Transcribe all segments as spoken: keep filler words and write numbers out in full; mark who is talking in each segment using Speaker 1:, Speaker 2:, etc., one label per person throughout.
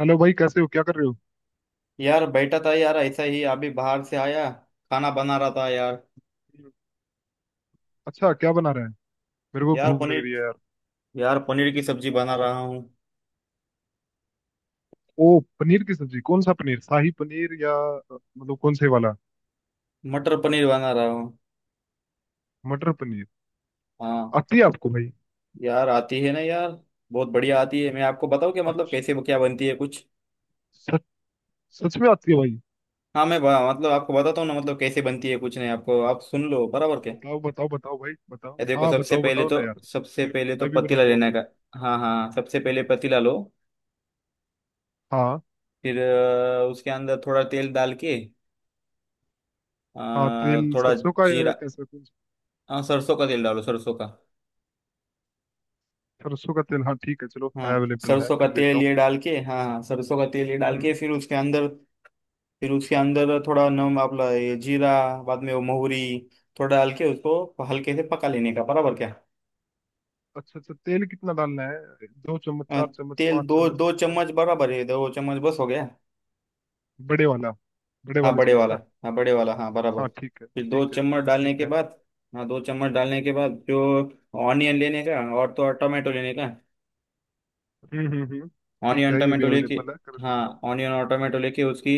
Speaker 1: Hello भाई, कैसे हो? क्या कर रहे हो?
Speaker 2: यार बैठा था यार, ऐसा ही अभी बाहर से आया। खाना बना रहा था यार।
Speaker 1: अच्छा, क्या बना रहे हैं? मेरे को
Speaker 2: यार
Speaker 1: भूख लग
Speaker 2: पनीर
Speaker 1: रही है यार।
Speaker 2: यार पनीर की सब्जी बना रहा हूँ।
Speaker 1: ओ, पनीर की सब्जी। कौन सा पनीर? शाही पनीर या अ, मतलब कौन से वाला?
Speaker 2: मटर पनीर बना रहा हूँ।
Speaker 1: मटर पनीर।
Speaker 2: हाँ।
Speaker 1: आती है आपको भाई?
Speaker 2: यार आती है ना यार। बहुत बढ़िया आती है। मैं आपको बताऊँ क्या, मतलब
Speaker 1: अच्छा,
Speaker 2: कैसे क्या बनती है कुछ।
Speaker 1: सच? सच में आती है भाई?
Speaker 2: हाँ मैं बा- मतलब आपको बताता हूँ ना, मतलब कैसे बनती है कुछ नहीं। आपको, आप सुन लो बराबर क्या।
Speaker 1: बताओ बताओ बताओ भाई, बताओ,
Speaker 2: ये देखो
Speaker 1: हाँ
Speaker 2: सबसे
Speaker 1: बताओ,
Speaker 2: पहले
Speaker 1: बताओ
Speaker 2: तो,
Speaker 1: ना यार।
Speaker 2: सबसे
Speaker 1: मेरे को,
Speaker 2: पहले तो
Speaker 1: मैं भी बना
Speaker 2: पतीला
Speaker 1: लूंगा
Speaker 2: लेने
Speaker 1: फिर।
Speaker 2: का। हाँ हाँ सबसे पहले पतीला लो।
Speaker 1: हाँ।
Speaker 2: फिर अ, उसके अंदर थोड़ा तेल डाल के, अ,
Speaker 1: हाँ, तेल
Speaker 2: थोड़ा
Speaker 1: सरसों का या
Speaker 2: जीरा।
Speaker 1: कैसा? कौन सा?
Speaker 2: हाँ सरसों का तेल डालो सरसों का।
Speaker 1: सरसों का तेल, हाँ ठीक है, चलो।
Speaker 2: हाँ
Speaker 1: अवेलेबल है,
Speaker 2: सरसों का
Speaker 1: कर लेता
Speaker 2: तेल
Speaker 1: हूँ।
Speaker 2: ये डाल के, हाँ हाँ सरसों का तेल ये डाल के
Speaker 1: हम्म।
Speaker 2: फिर उसके अंदर। फिर उसके अंदर थोड़ा नम आपला ये जीरा, बाद में वो मोहरी थोड़ा डाल के, उसको हल्के से पका लेने का बराबर क्या।
Speaker 1: अच्छा अच्छा, तेल कितना डालना है? दो चम्मच,
Speaker 2: अ,
Speaker 1: चार चम्मच,
Speaker 2: तेल
Speaker 1: पाँच
Speaker 2: दो
Speaker 1: चम्मच
Speaker 2: दो
Speaker 1: कितना?
Speaker 2: चम्मच बराबर है, दो चम्मच बस हो गया।
Speaker 1: बड़े वाला। बड़े
Speaker 2: हाँ
Speaker 1: वाले
Speaker 2: बड़े
Speaker 1: चम्मच
Speaker 2: वाला।
Speaker 1: ना?
Speaker 2: हाँ बड़े वाला, हाँ बराबर।
Speaker 1: हाँ, ठीक है
Speaker 2: फिर दो
Speaker 1: ठीक है
Speaker 2: चम्मच डालने
Speaker 1: ठीक
Speaker 2: के
Speaker 1: है।
Speaker 2: बाद, हाँ दो चम्मच डालने के बाद जो ऑनियन लेने का और तो और टमाटो लेने का।
Speaker 1: हम्म हम्म हम्म। ठीक
Speaker 2: ऑनियन
Speaker 1: है, ये भी
Speaker 2: टमेटो लेके,
Speaker 1: अवेलेबल है, कर लेता हूँ।
Speaker 2: हाँ ऑनियन और टमेटो लेके उसकी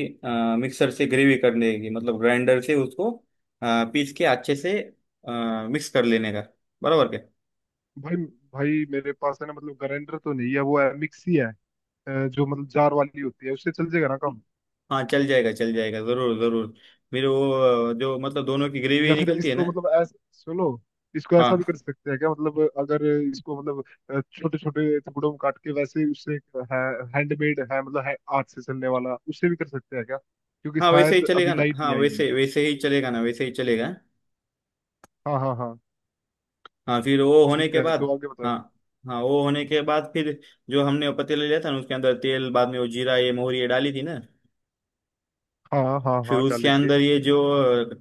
Speaker 2: मिक्सर से ग्रेवी कर लेगी, मतलब ग्राइंडर से उसको अ, पीस के अच्छे से मिक्स कर लेने का बराबर क्या।
Speaker 1: भाई। भाई मेरे पास है ना, मतलब ग्राइंडर तो नहीं है, वो है मिक्सी है। अ, जो मतलब जार वाली होती है, उससे चल जाएगा ना काम?
Speaker 2: हाँ चल जाएगा चल जाएगा, जरूर जरूर। मेरे वो अ, जो मतलब दोनों की
Speaker 1: या
Speaker 2: ग्रेवी
Speaker 1: फिर
Speaker 2: निकलती है
Speaker 1: इसको
Speaker 2: ना।
Speaker 1: मतलब ऐसा सुनो। इसको ऐसा भी
Speaker 2: हाँ
Speaker 1: कर सकते हैं क्या? मतलब अगर इसको मतलब छोटे छोटे टुकड़ों में काट के वैसे उससे। है। हैंडमेड है, मतलब है हाथ से चलने वाला, उससे भी कर सकते हैं क्या? क्योंकि
Speaker 2: हाँ वैसे ही
Speaker 1: शायद अभी
Speaker 2: चलेगा ना,
Speaker 1: लाइट
Speaker 2: हाँ
Speaker 1: नहीं आई हुई।
Speaker 2: वैसे वैसे ही चलेगा ना वैसे ही चलेगा।
Speaker 1: हाँ हाँ हाँ।
Speaker 2: हाँ फिर वो होने
Speaker 1: ठीक
Speaker 2: के
Speaker 1: है
Speaker 2: बाद,
Speaker 1: तो आगे
Speaker 2: हाँ
Speaker 1: बताओ।
Speaker 2: हाँ वो होने के बाद फिर जो हमने पतीला लिया था ना, उसके अंदर तेल बाद में वो जीरा ये मोहरी ये डाली थी ना।
Speaker 1: हाँ हाँ
Speaker 2: फिर
Speaker 1: हाँ,
Speaker 2: उसके
Speaker 1: डाले थे।
Speaker 2: अंदर ये जो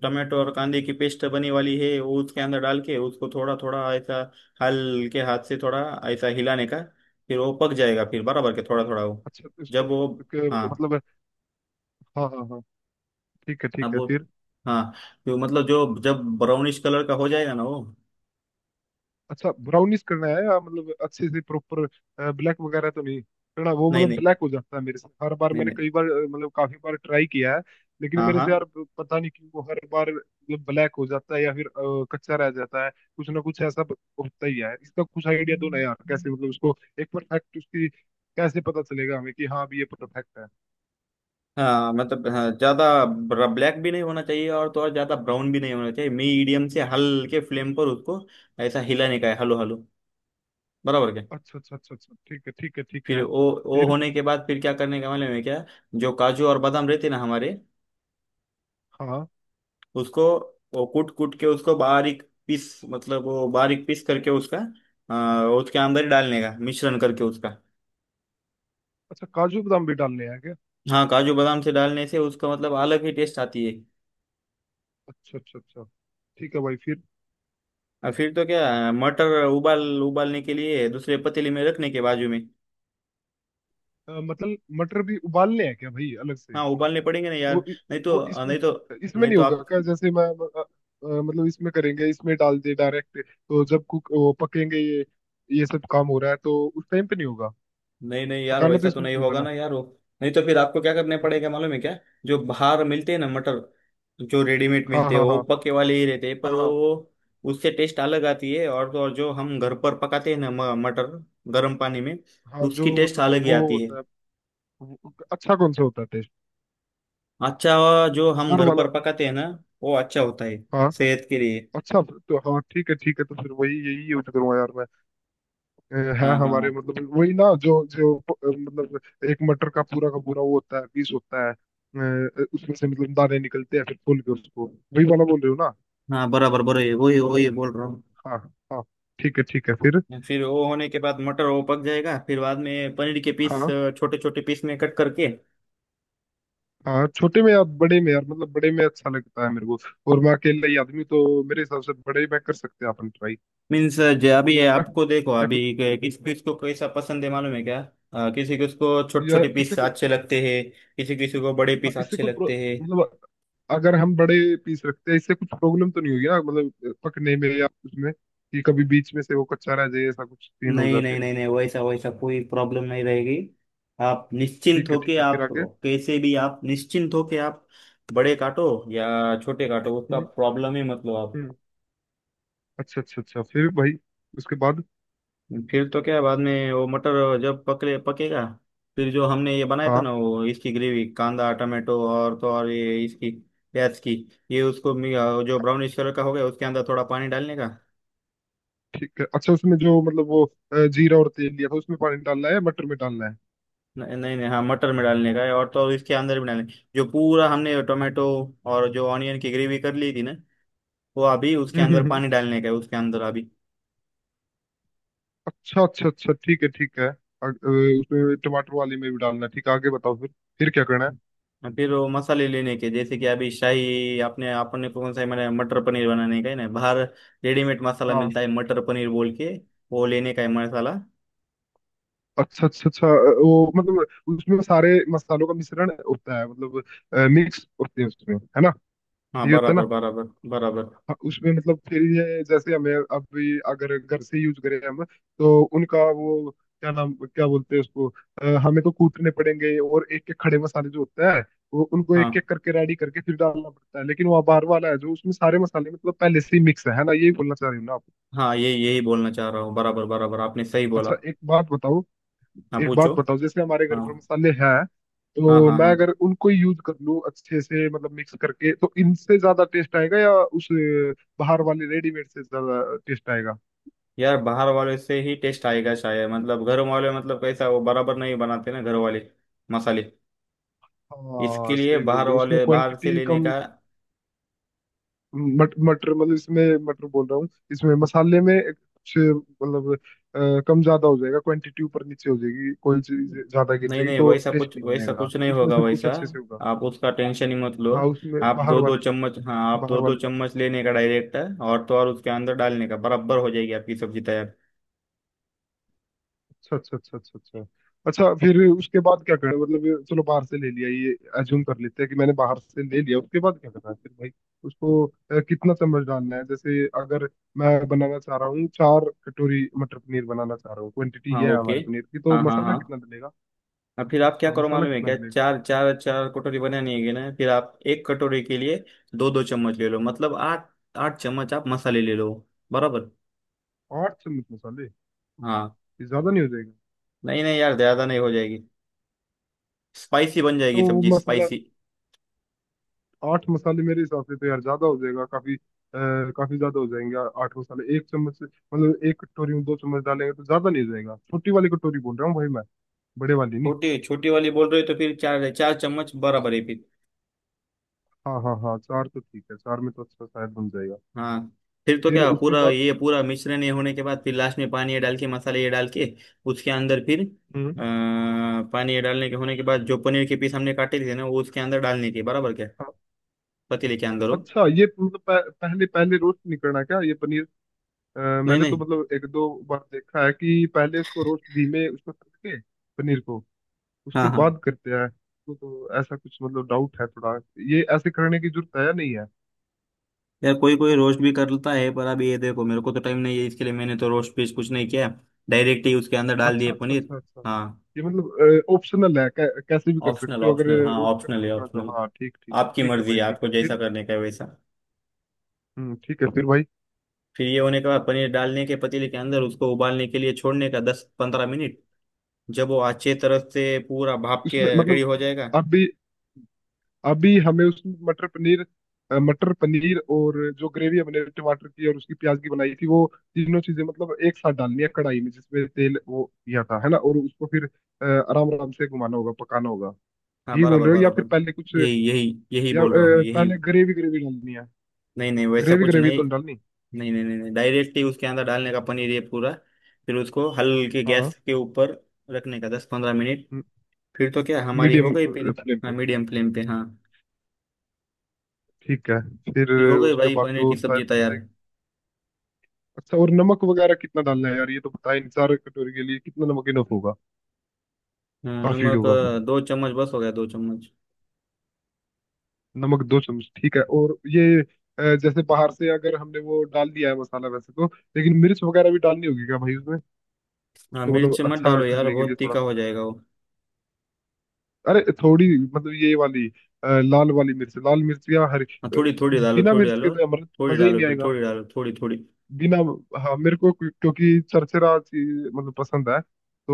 Speaker 2: टमाटो और कांदे की पेस्ट बनी वाली है वो उसके अंदर डाल के उसको थोड़ा थोड़ा ऐसा हल्के हाथ से थोड़ा ऐसा हिलाने का, फिर वो पक जाएगा फिर बराबर के थोड़ा थोड़ा वो
Speaker 1: अच्छा, तो
Speaker 2: जब
Speaker 1: इसको।
Speaker 2: वो हाँ
Speaker 1: इसको मतलब। हाँ हाँ हाँ। ठीक है
Speaker 2: अब
Speaker 1: ठीक है,
Speaker 2: वो।
Speaker 1: फिर?
Speaker 2: हाँ तो मतलब जो जब ब्राउनिश कलर का हो जाएगा ना वो।
Speaker 1: अच्छा, ब्राउनिश करना है या मतलब अच्छे से प्रॉपर? ब्लैक वगैरह तो नहीं करना? वो
Speaker 2: नहीं
Speaker 1: मतलब
Speaker 2: नहीं,
Speaker 1: ब्लैक हो जाता है मेरे से हर बार।
Speaker 2: नहीं
Speaker 1: मैंने
Speaker 2: नहीं।
Speaker 1: कई बार अ, मतलब काफी बार ट्राई किया है। लेकिन
Speaker 2: हाँ
Speaker 1: मेरे
Speaker 2: हाँ
Speaker 1: से यार, प- पता नहीं क्यों वो हर बार मतलब ब्लैक हो जाता है या फिर अ, कच्चा रह जाता है। कुछ ना कुछ ऐसा ब- होता ही है। इसका कुछ आइडिया दो ना यार, कैसे मतलब उसको एक परफेक्ट, उसकी कैसे पता चलेगा हमें कि हाँ अभी ये परफेक्ट है।
Speaker 2: हाँ मतलब, हाँ, ज्यादा ब्लैक भी नहीं होना चाहिए और तो और ज्यादा ब्राउन भी नहीं होना चाहिए, मीडियम से हल्के फ्लेम पर उसको ऐसा हिलाने का है, हलो हलो बराबर क्या।
Speaker 1: अच्छा अच्छा अच्छा अच्छा, ठीक है ठीक है ठीक
Speaker 2: फिर
Speaker 1: है।
Speaker 2: वो वो
Speaker 1: फिर?
Speaker 2: होने के बाद फिर क्या करने का मालूम है क्या। जो काजू और बादाम रहते ना हमारे,
Speaker 1: हाँ।
Speaker 2: उसको वो कूट कूट के उसको बारीक पीस, मतलब वो बारीक पीस करके उसका आ, उसके अंदर ही डालने का, मिश्रण करके उसका।
Speaker 1: अच्छा, काजू बादाम भी डालने हैं क्या?
Speaker 2: हाँ काजू बादाम से डालने से उसका मतलब अलग ही टेस्ट आती है।
Speaker 1: अच्छा अच्छा अच्छा, ठीक है भाई, फिर?
Speaker 2: और फिर तो क्या, मटर उबाल उबालने के लिए दूसरे पतीले में रखने के बाजू में।
Speaker 1: अ, मतलब मटर भी उबालने हैं क्या भाई, अलग से?
Speaker 2: हाँ उबालने पड़ेंगे ना यार।
Speaker 1: वो इ-
Speaker 2: नहीं
Speaker 1: वो
Speaker 2: तो,
Speaker 1: इसमें
Speaker 2: नहीं तो,
Speaker 1: इसमें
Speaker 2: नहीं
Speaker 1: नहीं
Speaker 2: तो
Speaker 1: होगा
Speaker 2: आप।
Speaker 1: क्या, जैसे मैं अ, अ, मतलब इसमें करेंगे, इसमें डाल दे डायरेक्ट, तो जब कुक वो पकेंगे, ये ये सब काम हो रहा है तो उस टाइम पे नहीं होगा?
Speaker 2: नहीं नहीं यार
Speaker 1: पकाना तो
Speaker 2: वैसा तो
Speaker 1: इसमें
Speaker 2: नहीं
Speaker 1: भी होगा
Speaker 2: होगा
Speaker 1: ना?
Speaker 2: ना यार वो। नहीं तो फिर आपको क्या करने
Speaker 1: हम्म।
Speaker 2: पड़ेगा मालूम है क्या। जो बाहर मिलते हैं ना मटर, जो रेडीमेड
Speaker 1: हाँ
Speaker 2: मिलते हैं
Speaker 1: हाँ
Speaker 2: वो
Speaker 1: हाँ
Speaker 2: पके वाले ही रहते हैं,
Speaker 1: हाँ।
Speaker 2: पर वो
Speaker 1: हाँ
Speaker 2: वो- उससे टेस्ट अलग आती है। और तो और जो हम घर पर पकाते हैं ना म- मटर गर्म पानी में,
Speaker 1: हाँ। जो
Speaker 2: उसकी टेस्ट
Speaker 1: मतलब
Speaker 2: अलग ही
Speaker 1: वो
Speaker 2: आती है।
Speaker 1: होता है। वो- अच्छा, कौन सा होता है टेस्ट?
Speaker 2: अच्छा जो हम
Speaker 1: हर
Speaker 2: घर
Speaker 1: वाला?
Speaker 2: पर पकाते हैं ना वो अच्छा होता है
Speaker 1: हाँ।
Speaker 2: सेहत के लिए।
Speaker 1: अच्छा। तो हाँ, ठीक है ठीक है, तो फिर वही यही यूज करूंगा यार मैं। अ, है
Speaker 2: हाँ हाँ
Speaker 1: हमारे
Speaker 2: हाँ।
Speaker 1: मतलब वही ना, जो जो अ, मतलब एक मटर का पूरा का पूरा वो होता है, पीस होता है, अ, उसमें से मतलब दाने निकलते हैं, फिर खोल के उसको, वही वाला बोल रहे हो ना?
Speaker 2: हाँ बराबर बराबर, वही वही बोल रहा हूँ।
Speaker 1: हाँ। हाँ। ठीक है ठीक है, फिर?
Speaker 2: फिर वो होने के बाद मटर वो पक जाएगा, फिर बाद में पनीर के पीस
Speaker 1: हाँ।
Speaker 2: छोटे छोटे पीस में कट करके।
Speaker 1: हाँ, छोटे में या बड़े में यार? मतलब बड़े में अच्छा लगता है मेरे को। और मैं अकेला ही आदमी हूँ, तो मेरे हिसाब से बड़े में कर सकते हैं अपन ट्राई।
Speaker 2: मीन्स जो अभी ये
Speaker 1: है ना?
Speaker 2: आपको देखो,
Speaker 1: या
Speaker 2: अभी
Speaker 1: कोई।
Speaker 2: के- किस किस को कैसा पसंद है मालूम है क्या। अ, किसी को उसको छोटे
Speaker 1: या
Speaker 2: छोटे
Speaker 1: इससे
Speaker 2: पीस
Speaker 1: कोई।
Speaker 2: अच्छे लगते हैं, किसी किसी को बड़े
Speaker 1: हाँ,
Speaker 2: पीस
Speaker 1: इससे
Speaker 2: अच्छे
Speaker 1: कोई प्रो-
Speaker 2: लगते हैं।
Speaker 1: मतलब अगर हम बड़े पीस रखते हैं इससे कुछ प्रॉब्लम तो नहीं होगी ना, मतलब पकने में या उसमें कि कभी बीच में से वो कच्चा रह जाए, ऐसा कुछ सीन हो
Speaker 2: नहीं
Speaker 1: जाते
Speaker 2: नहीं,
Speaker 1: हैं?
Speaker 2: नहीं नहीं वैसा वैसा कोई प्रॉब्लम नहीं रहेगी। आप निश्चिंत
Speaker 1: ठीक है
Speaker 2: होके
Speaker 1: ठीक है, फिर
Speaker 2: आप,
Speaker 1: आगे?
Speaker 2: कैसे भी आप निश्चिंत होके आप बड़े काटो या छोटे काटो, उसका
Speaker 1: हम्म
Speaker 2: प्रॉब्लम ही मतलब आप।
Speaker 1: हम्म, अच्छा अच्छा अच्छा, फिर भाई? उसके बाद?
Speaker 2: फिर तो क्या बाद में वो मटर जब पकले पकेगा, फिर जो हमने ये बनाया था
Speaker 1: हाँ
Speaker 2: ना वो इसकी ग्रेवी, कांदा टमाटो और तो और ये इसकी प्याज की, ये उसको मी- जो ब्राउनिश कलर का हो गया उसके अंदर थोड़ा पानी डालने का।
Speaker 1: ठीक है। अच्छा, उसमें जो मतलब वो अ, जीरा और तेल लिया था उसमें पानी डालना है या मटर में डालना है?
Speaker 2: न- नहीं नहीं, हाँ मटर में डालने का है, और तो और इसके अंदर भी डालने जो पूरा हमने टोमेटो और जो ऑनियन की ग्रेवी कर ली थी ना, वो अभी उसके
Speaker 1: हम्म
Speaker 2: अंदर
Speaker 1: हम्म हम्म,
Speaker 2: पानी डालने का है उसके अंदर अभी।
Speaker 1: अच्छा अच्छा अच्छा, ठीक है ठीक है, अग- अ, उसमें टमाटर वाली में भी डालना है, ठीक है। आगे बताओ फिर। फिर क्या करना
Speaker 2: हाँ, फिर वो मसाले लेने के, जैसे कि अभी शाही आपने आपने कौन सा है, मैंने मटर पनीर बनाने का है ना। बाहर रेडीमेड मसाला
Speaker 1: है?
Speaker 2: मिलता है मटर पनीर बोल के, वो लेने का है मसाला।
Speaker 1: अच्छा अच्छा अच्छा, अ, वो मतलब उसमें सारे मसालों का मिश्रण होता है, मतलब मिक्स होते हैं उसमें है ना?
Speaker 2: हाँ
Speaker 1: ये होता है
Speaker 2: बराबर
Speaker 1: ना?
Speaker 2: बराबर, बराबर।
Speaker 1: हाँ, उसमें मतलब फिर ये जैसे हमें अभी अगर घर से यूज करें हम तो उनका वो, क्या नाम, क्या बोलते हैं उसको, अ, हमें तो कूटने पड़ेंगे, और एक एक खड़े मसाले जो होता है, वो उनको
Speaker 2: हाँ
Speaker 1: एक एक करके रेडी करके फिर डालना पड़ता है, लेकिन वो बाहर वाला है जो उसमें सारे मसाले मतलब पहले से ही मिक्स है है ना? यही बोलना चाह रही हूँ ना आप?
Speaker 2: हाँ ये यही बोलना चाह रहा हूँ, बराबर बराबर आपने सही बोला।
Speaker 1: अच्छा, एक बात बताओ।
Speaker 2: हाँ
Speaker 1: एक
Speaker 2: पूछो।
Speaker 1: बात बताओ, जैसे हमारे घर
Speaker 2: हाँ
Speaker 1: पर मसाले हैं।
Speaker 2: हाँ
Speaker 1: तो
Speaker 2: हाँ।
Speaker 1: मैं
Speaker 2: हाँ
Speaker 1: अगर उनको ही यूज कर लूँ अच्छे से, मतलब मिक्स करके, तो इनसे ज्यादा टेस्ट आएगा या उस अ, बाहर वाले रेडीमेड से ज्यादा टेस्ट आएगा?
Speaker 2: यार बाहर वाले से ही टेस्ट आएगा शायद, मतलब घर वाले, मतलब कैसा वो बराबर नहीं बनाते ना घर वाले मसाले। इसके
Speaker 1: हाँ,
Speaker 2: लिए
Speaker 1: सही बोल
Speaker 2: बाहर
Speaker 1: रहे हो, इसमें
Speaker 2: वाले, बाहर से
Speaker 1: क्वांटिटी
Speaker 2: लेने
Speaker 1: कम।
Speaker 2: का।
Speaker 1: मट, मटर मतलब इसमें मटर बोल रहा हूँ, इसमें मसाले में एक कुछ मतलब अ, कम ज्यादा हो जाएगा, क्वांटिटी ऊपर नीचे हो जाएगी, कोई चीज ज्यादा गिर
Speaker 2: नहीं
Speaker 1: जाएगी
Speaker 2: नहीं
Speaker 1: तो
Speaker 2: वैसा
Speaker 1: टेस्ट
Speaker 2: कुछ
Speaker 1: नहीं
Speaker 2: वैसा
Speaker 1: बनेगा,
Speaker 2: कुछ नहीं
Speaker 1: उसमें
Speaker 2: होगा
Speaker 1: सब कुछ
Speaker 2: वैसा।
Speaker 1: अच्छे से होगा?
Speaker 2: आप उसका टेंशन ही मत लो।
Speaker 1: हाँ, उसमें
Speaker 2: आप
Speaker 1: बाहर
Speaker 2: दो दो
Speaker 1: वाले में।
Speaker 2: चम्मच हाँ आप
Speaker 1: बाहर
Speaker 2: दो दो
Speaker 1: वाले में।
Speaker 2: चम्मच लेने का डायरेक्ट है, और तो और उसके अंदर डालने का, बराबर हो जाएगी आपकी सब्जी तैयार।
Speaker 1: अच्छा अच्छा अच्छा अच्छा अच्छा। अच्छा, फिर उसके बाद क्या करें? मतलब ये चलो, बाहर से ले लिया ये, अज्यूम कर लेते हैं कि मैंने बाहर से ले लिया, उसके बाद क्या करना है फिर भाई? उसको अ, कितना चम्मच डालना है, जैसे अगर मैं बनाना चाह रहा हूँ चार कटोरी मटर पनीर बनाना चाह रहा हूँ, क्वांटिटी
Speaker 2: हाँ
Speaker 1: ये है
Speaker 2: ओके।
Speaker 1: हमारे पनीर की, तो
Speaker 2: हाँ हाँ
Speaker 1: मसाला
Speaker 2: हाँ।
Speaker 1: कितना डलेगा?
Speaker 2: अब फिर आप क्या
Speaker 1: हाँ
Speaker 2: करो
Speaker 1: मसाला
Speaker 2: मालूम है
Speaker 1: कितना
Speaker 2: क्या,
Speaker 1: डलेगा?
Speaker 2: चार चार चार कटोरी बनानी है ना, फिर आप एक कटोरी के लिए दो दो चम्मच ले लो, मतलब आठ आठ चम्मच आप मसाले ले लो बराबर।
Speaker 1: आठ चम्मच मसाले?
Speaker 2: हाँ
Speaker 1: ये ज्यादा नहीं हो जाएगा?
Speaker 2: नहीं नहीं यार ज्यादा नहीं हो जाएगी, स्पाइसी बन
Speaker 1: अच्छा,
Speaker 2: जाएगी
Speaker 1: वो
Speaker 2: सब्जी
Speaker 1: मसाला।
Speaker 2: स्पाइसी।
Speaker 1: आठ मसाले मेरे हिसाब से तो यार ज्यादा हो जाएगा, काफी अ, काफी ज्यादा हो जाएंगे। आ- आठ मसाले एक चम्मच से मतलब एक कटोरी में दो चम्मच डालेंगे तो ज्यादा नहीं हो जाएगा? छोटी वाली कटोरी बोल रहा हूँ भाई मैं। बड़े वाली नहीं।
Speaker 2: छोटी छोटी वाली बोल रहे हो तो फिर चार चार चम्मच बराबर है फिर।
Speaker 1: हाँ हाँ हाँ, चार तो ठीक है, चार में तो अच्छा शायद बन जाएगा।
Speaker 2: हाँ फिर तो
Speaker 1: फिर
Speaker 2: क्या
Speaker 1: उसके
Speaker 2: पूरा
Speaker 1: बाद?
Speaker 2: ये पूरा मिश्रण ये होने के बाद फिर लास्ट में पानी ये डाल के मसाले ये डाल के उसके अंदर फिर अ,
Speaker 1: हम्म।
Speaker 2: पानी ये डालने के होने के बाद, जो पनीर के पीस हमने काटे थे ना वो उसके अंदर डालने के बराबर क्या,
Speaker 1: हाँ।
Speaker 2: पतीले के अंदर हो।
Speaker 1: अच्छा ये तो मतलब पह, पहले पहले रोस्ट नहीं करना क्या ये पनीर? अ,
Speaker 2: नहीं
Speaker 1: मैंने तो
Speaker 2: नहीं।
Speaker 1: मतलब एक दो बार देखा है कि पहले उसको रोस्ट घी में उसको तल के, पनीर को, उसके
Speaker 2: हाँ हाँ।
Speaker 1: बाद करते हैं, तो, तो ऐसा कुछ मतलब डाउट है थोड़ा। ये ऐसे करने की जरूरत है या नहीं है?
Speaker 2: यार कोई कोई रोस्ट भी करता है, पर अभी ये देखो मेरे को तो टाइम नहीं है इसके लिए, मैंने तो रोस्ट पीस कुछ नहीं किया, डायरेक्ट ही उसके अंदर डाल दिए
Speaker 1: अच्छा अच्छा
Speaker 2: पनीर।
Speaker 1: अच्छा अच्छा।
Speaker 2: हाँ
Speaker 1: ये मतलब ऑप्शनल है, कै, कैसे भी कर
Speaker 2: ऑप्शनल
Speaker 1: सकते हो अगर
Speaker 2: ऑप्शनल, हाँ
Speaker 1: रोस्ट
Speaker 2: ऑप्शनल
Speaker 1: करके
Speaker 2: है
Speaker 1: करना तो,
Speaker 2: ऑप्शनल।
Speaker 1: हाँ ठीक ठीक
Speaker 2: आपकी
Speaker 1: ठीक है
Speaker 2: मर्जी
Speaker 1: भाई,
Speaker 2: है,
Speaker 1: ठीक
Speaker 2: आपको
Speaker 1: है।
Speaker 2: जैसा
Speaker 1: फिर?
Speaker 2: करने का है वैसा।
Speaker 1: हम्म, ठीक है। फिर भाई?
Speaker 2: फिर ये होने के बाद पनीर डालने के पतीले के अंदर, उसको उबालने के लिए छोड़ने का दस पंद्रह मिनट, जब वो अच्छे तरह से पूरा भाप के
Speaker 1: उसमें
Speaker 2: रेडी
Speaker 1: मतलब,
Speaker 2: हो जाएगा।
Speaker 1: अभी अभी हमें उसमें मटर पनीर अ, मटर पनीर और जो ग्रेवी हमने टमाटर की और उसकी प्याज की बनाई थी वो, तीनों चीजें मतलब एक साथ डालनी है कढ़ाई में जिसमें तेल वो किया था, है ना? और उसको फिर अ, आराम आराम से घुमाना होगा, पकाना होगा।
Speaker 2: हाँ
Speaker 1: यही बोल
Speaker 2: बराबर
Speaker 1: रहे हो या फिर
Speaker 2: बराबर,
Speaker 1: पहले कुछ?
Speaker 2: यही
Speaker 1: या
Speaker 2: यही यही
Speaker 1: अ,
Speaker 2: बोल रहा हूँ यही।
Speaker 1: पहले ग्रेवी ग्रेवी डालनी है?
Speaker 2: नहीं नहीं वैसा
Speaker 1: ग्रेवी
Speaker 2: कुछ
Speaker 1: ग्रेवी
Speaker 2: नहीं,
Speaker 1: तो नहीं डालनी?
Speaker 2: नहीं नहीं, नहीं, नहीं डायरेक्टली उसके अंदर डालने का पनीर ये पूरा। फिर उसको हल्के
Speaker 1: हाँ
Speaker 2: गैस के ऊपर रखने का दस पंद्रह मिनट, फिर तो क्या हमारी
Speaker 1: मीडियम
Speaker 2: हो गई फिर।
Speaker 1: फ्लेम
Speaker 2: हाँ
Speaker 1: पे।
Speaker 2: मीडियम फ्लेम पे हाँ।
Speaker 1: ठीक है। फिर?
Speaker 2: फिर हो गई
Speaker 1: उसके
Speaker 2: भाई
Speaker 1: बाद
Speaker 2: पनीर
Speaker 1: तो
Speaker 2: की सब्जी
Speaker 1: शायद बन
Speaker 2: तैयार।
Speaker 1: जाएगी। अच्छा, और नमक वगैरह कितना डालना है यार? ये तो बताएं, चार कटोरी के लिए कितना नमक इनफ होगा?
Speaker 2: हाँ,
Speaker 1: काफी
Speaker 2: नमक
Speaker 1: होगा?
Speaker 2: अ, दो चम्मच बस हो गया दो चम्मच।
Speaker 1: नमक दो चम्मच ठीक है। और ये अ, जैसे बाहर से अगर हमने वो डाल दिया है मसाला, वैसे तो लेकिन मिर्च वगैरह भी डालनी होगी क्या भाई उसमें?
Speaker 2: हाँ
Speaker 1: उसको मतलब
Speaker 2: मिर्च मत
Speaker 1: अच्छा
Speaker 2: डालो यार
Speaker 1: करने के लिए
Speaker 2: बहुत
Speaker 1: थोड़ा
Speaker 2: तीखा
Speaker 1: सा।
Speaker 2: हो जाएगा वो।
Speaker 1: अरे थोड़ी मतलब ये वाली, अ, लाल वाली मिर्च, लाल मिर्च या हरी
Speaker 2: हाँ
Speaker 1: अ,
Speaker 2: थोड़ी थोड़ी डालो
Speaker 1: बिना
Speaker 2: थोड़ी
Speaker 1: मिर्च के
Speaker 2: डालो।
Speaker 1: तो अमृत
Speaker 2: थोड़ी
Speaker 1: मजा ही
Speaker 2: डालो
Speaker 1: नहीं
Speaker 2: फिर
Speaker 1: आएगा।
Speaker 2: थोड़ी डालो थोड़ी थोड़ी।
Speaker 1: बिना। हाँ मेरे को क्यों- क्योंकि चरचरा चीज मतलब पसंद है,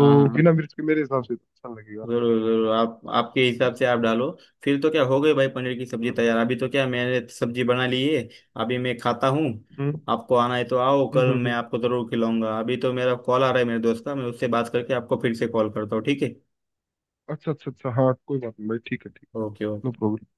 Speaker 2: हाँ हाँ हाँ।
Speaker 1: बिना मिर्च के मेरे हिसाब से तो अच्छा लगेगा।
Speaker 2: जरूर जरूर, आप आपके हिसाब से आप डालो। फिर तो क्या हो गई भाई पनीर की सब्जी
Speaker 1: हम्म
Speaker 2: तैयार, अभी तो क्या मैंने सब्जी बना ली है, अभी मैं खाता हूँ।
Speaker 1: हम्म
Speaker 2: आपको आना है तो आओ,
Speaker 1: हम्म
Speaker 2: कल
Speaker 1: हम्म,
Speaker 2: मैं
Speaker 1: हम्म।
Speaker 2: आपको जरूर खिलाऊंगा। अभी तो मेरा कॉल आ रहा है मेरे दोस्त का, मैं उससे बात करके आपको फिर से कॉल करता हूँ, ठीक है।
Speaker 1: अच्छा अच्छा अच्छा, हाँ कोई बात नहीं भाई, ठीक है ठीक है।
Speaker 2: Okay
Speaker 1: no
Speaker 2: okay.
Speaker 1: प्रॉब्लम।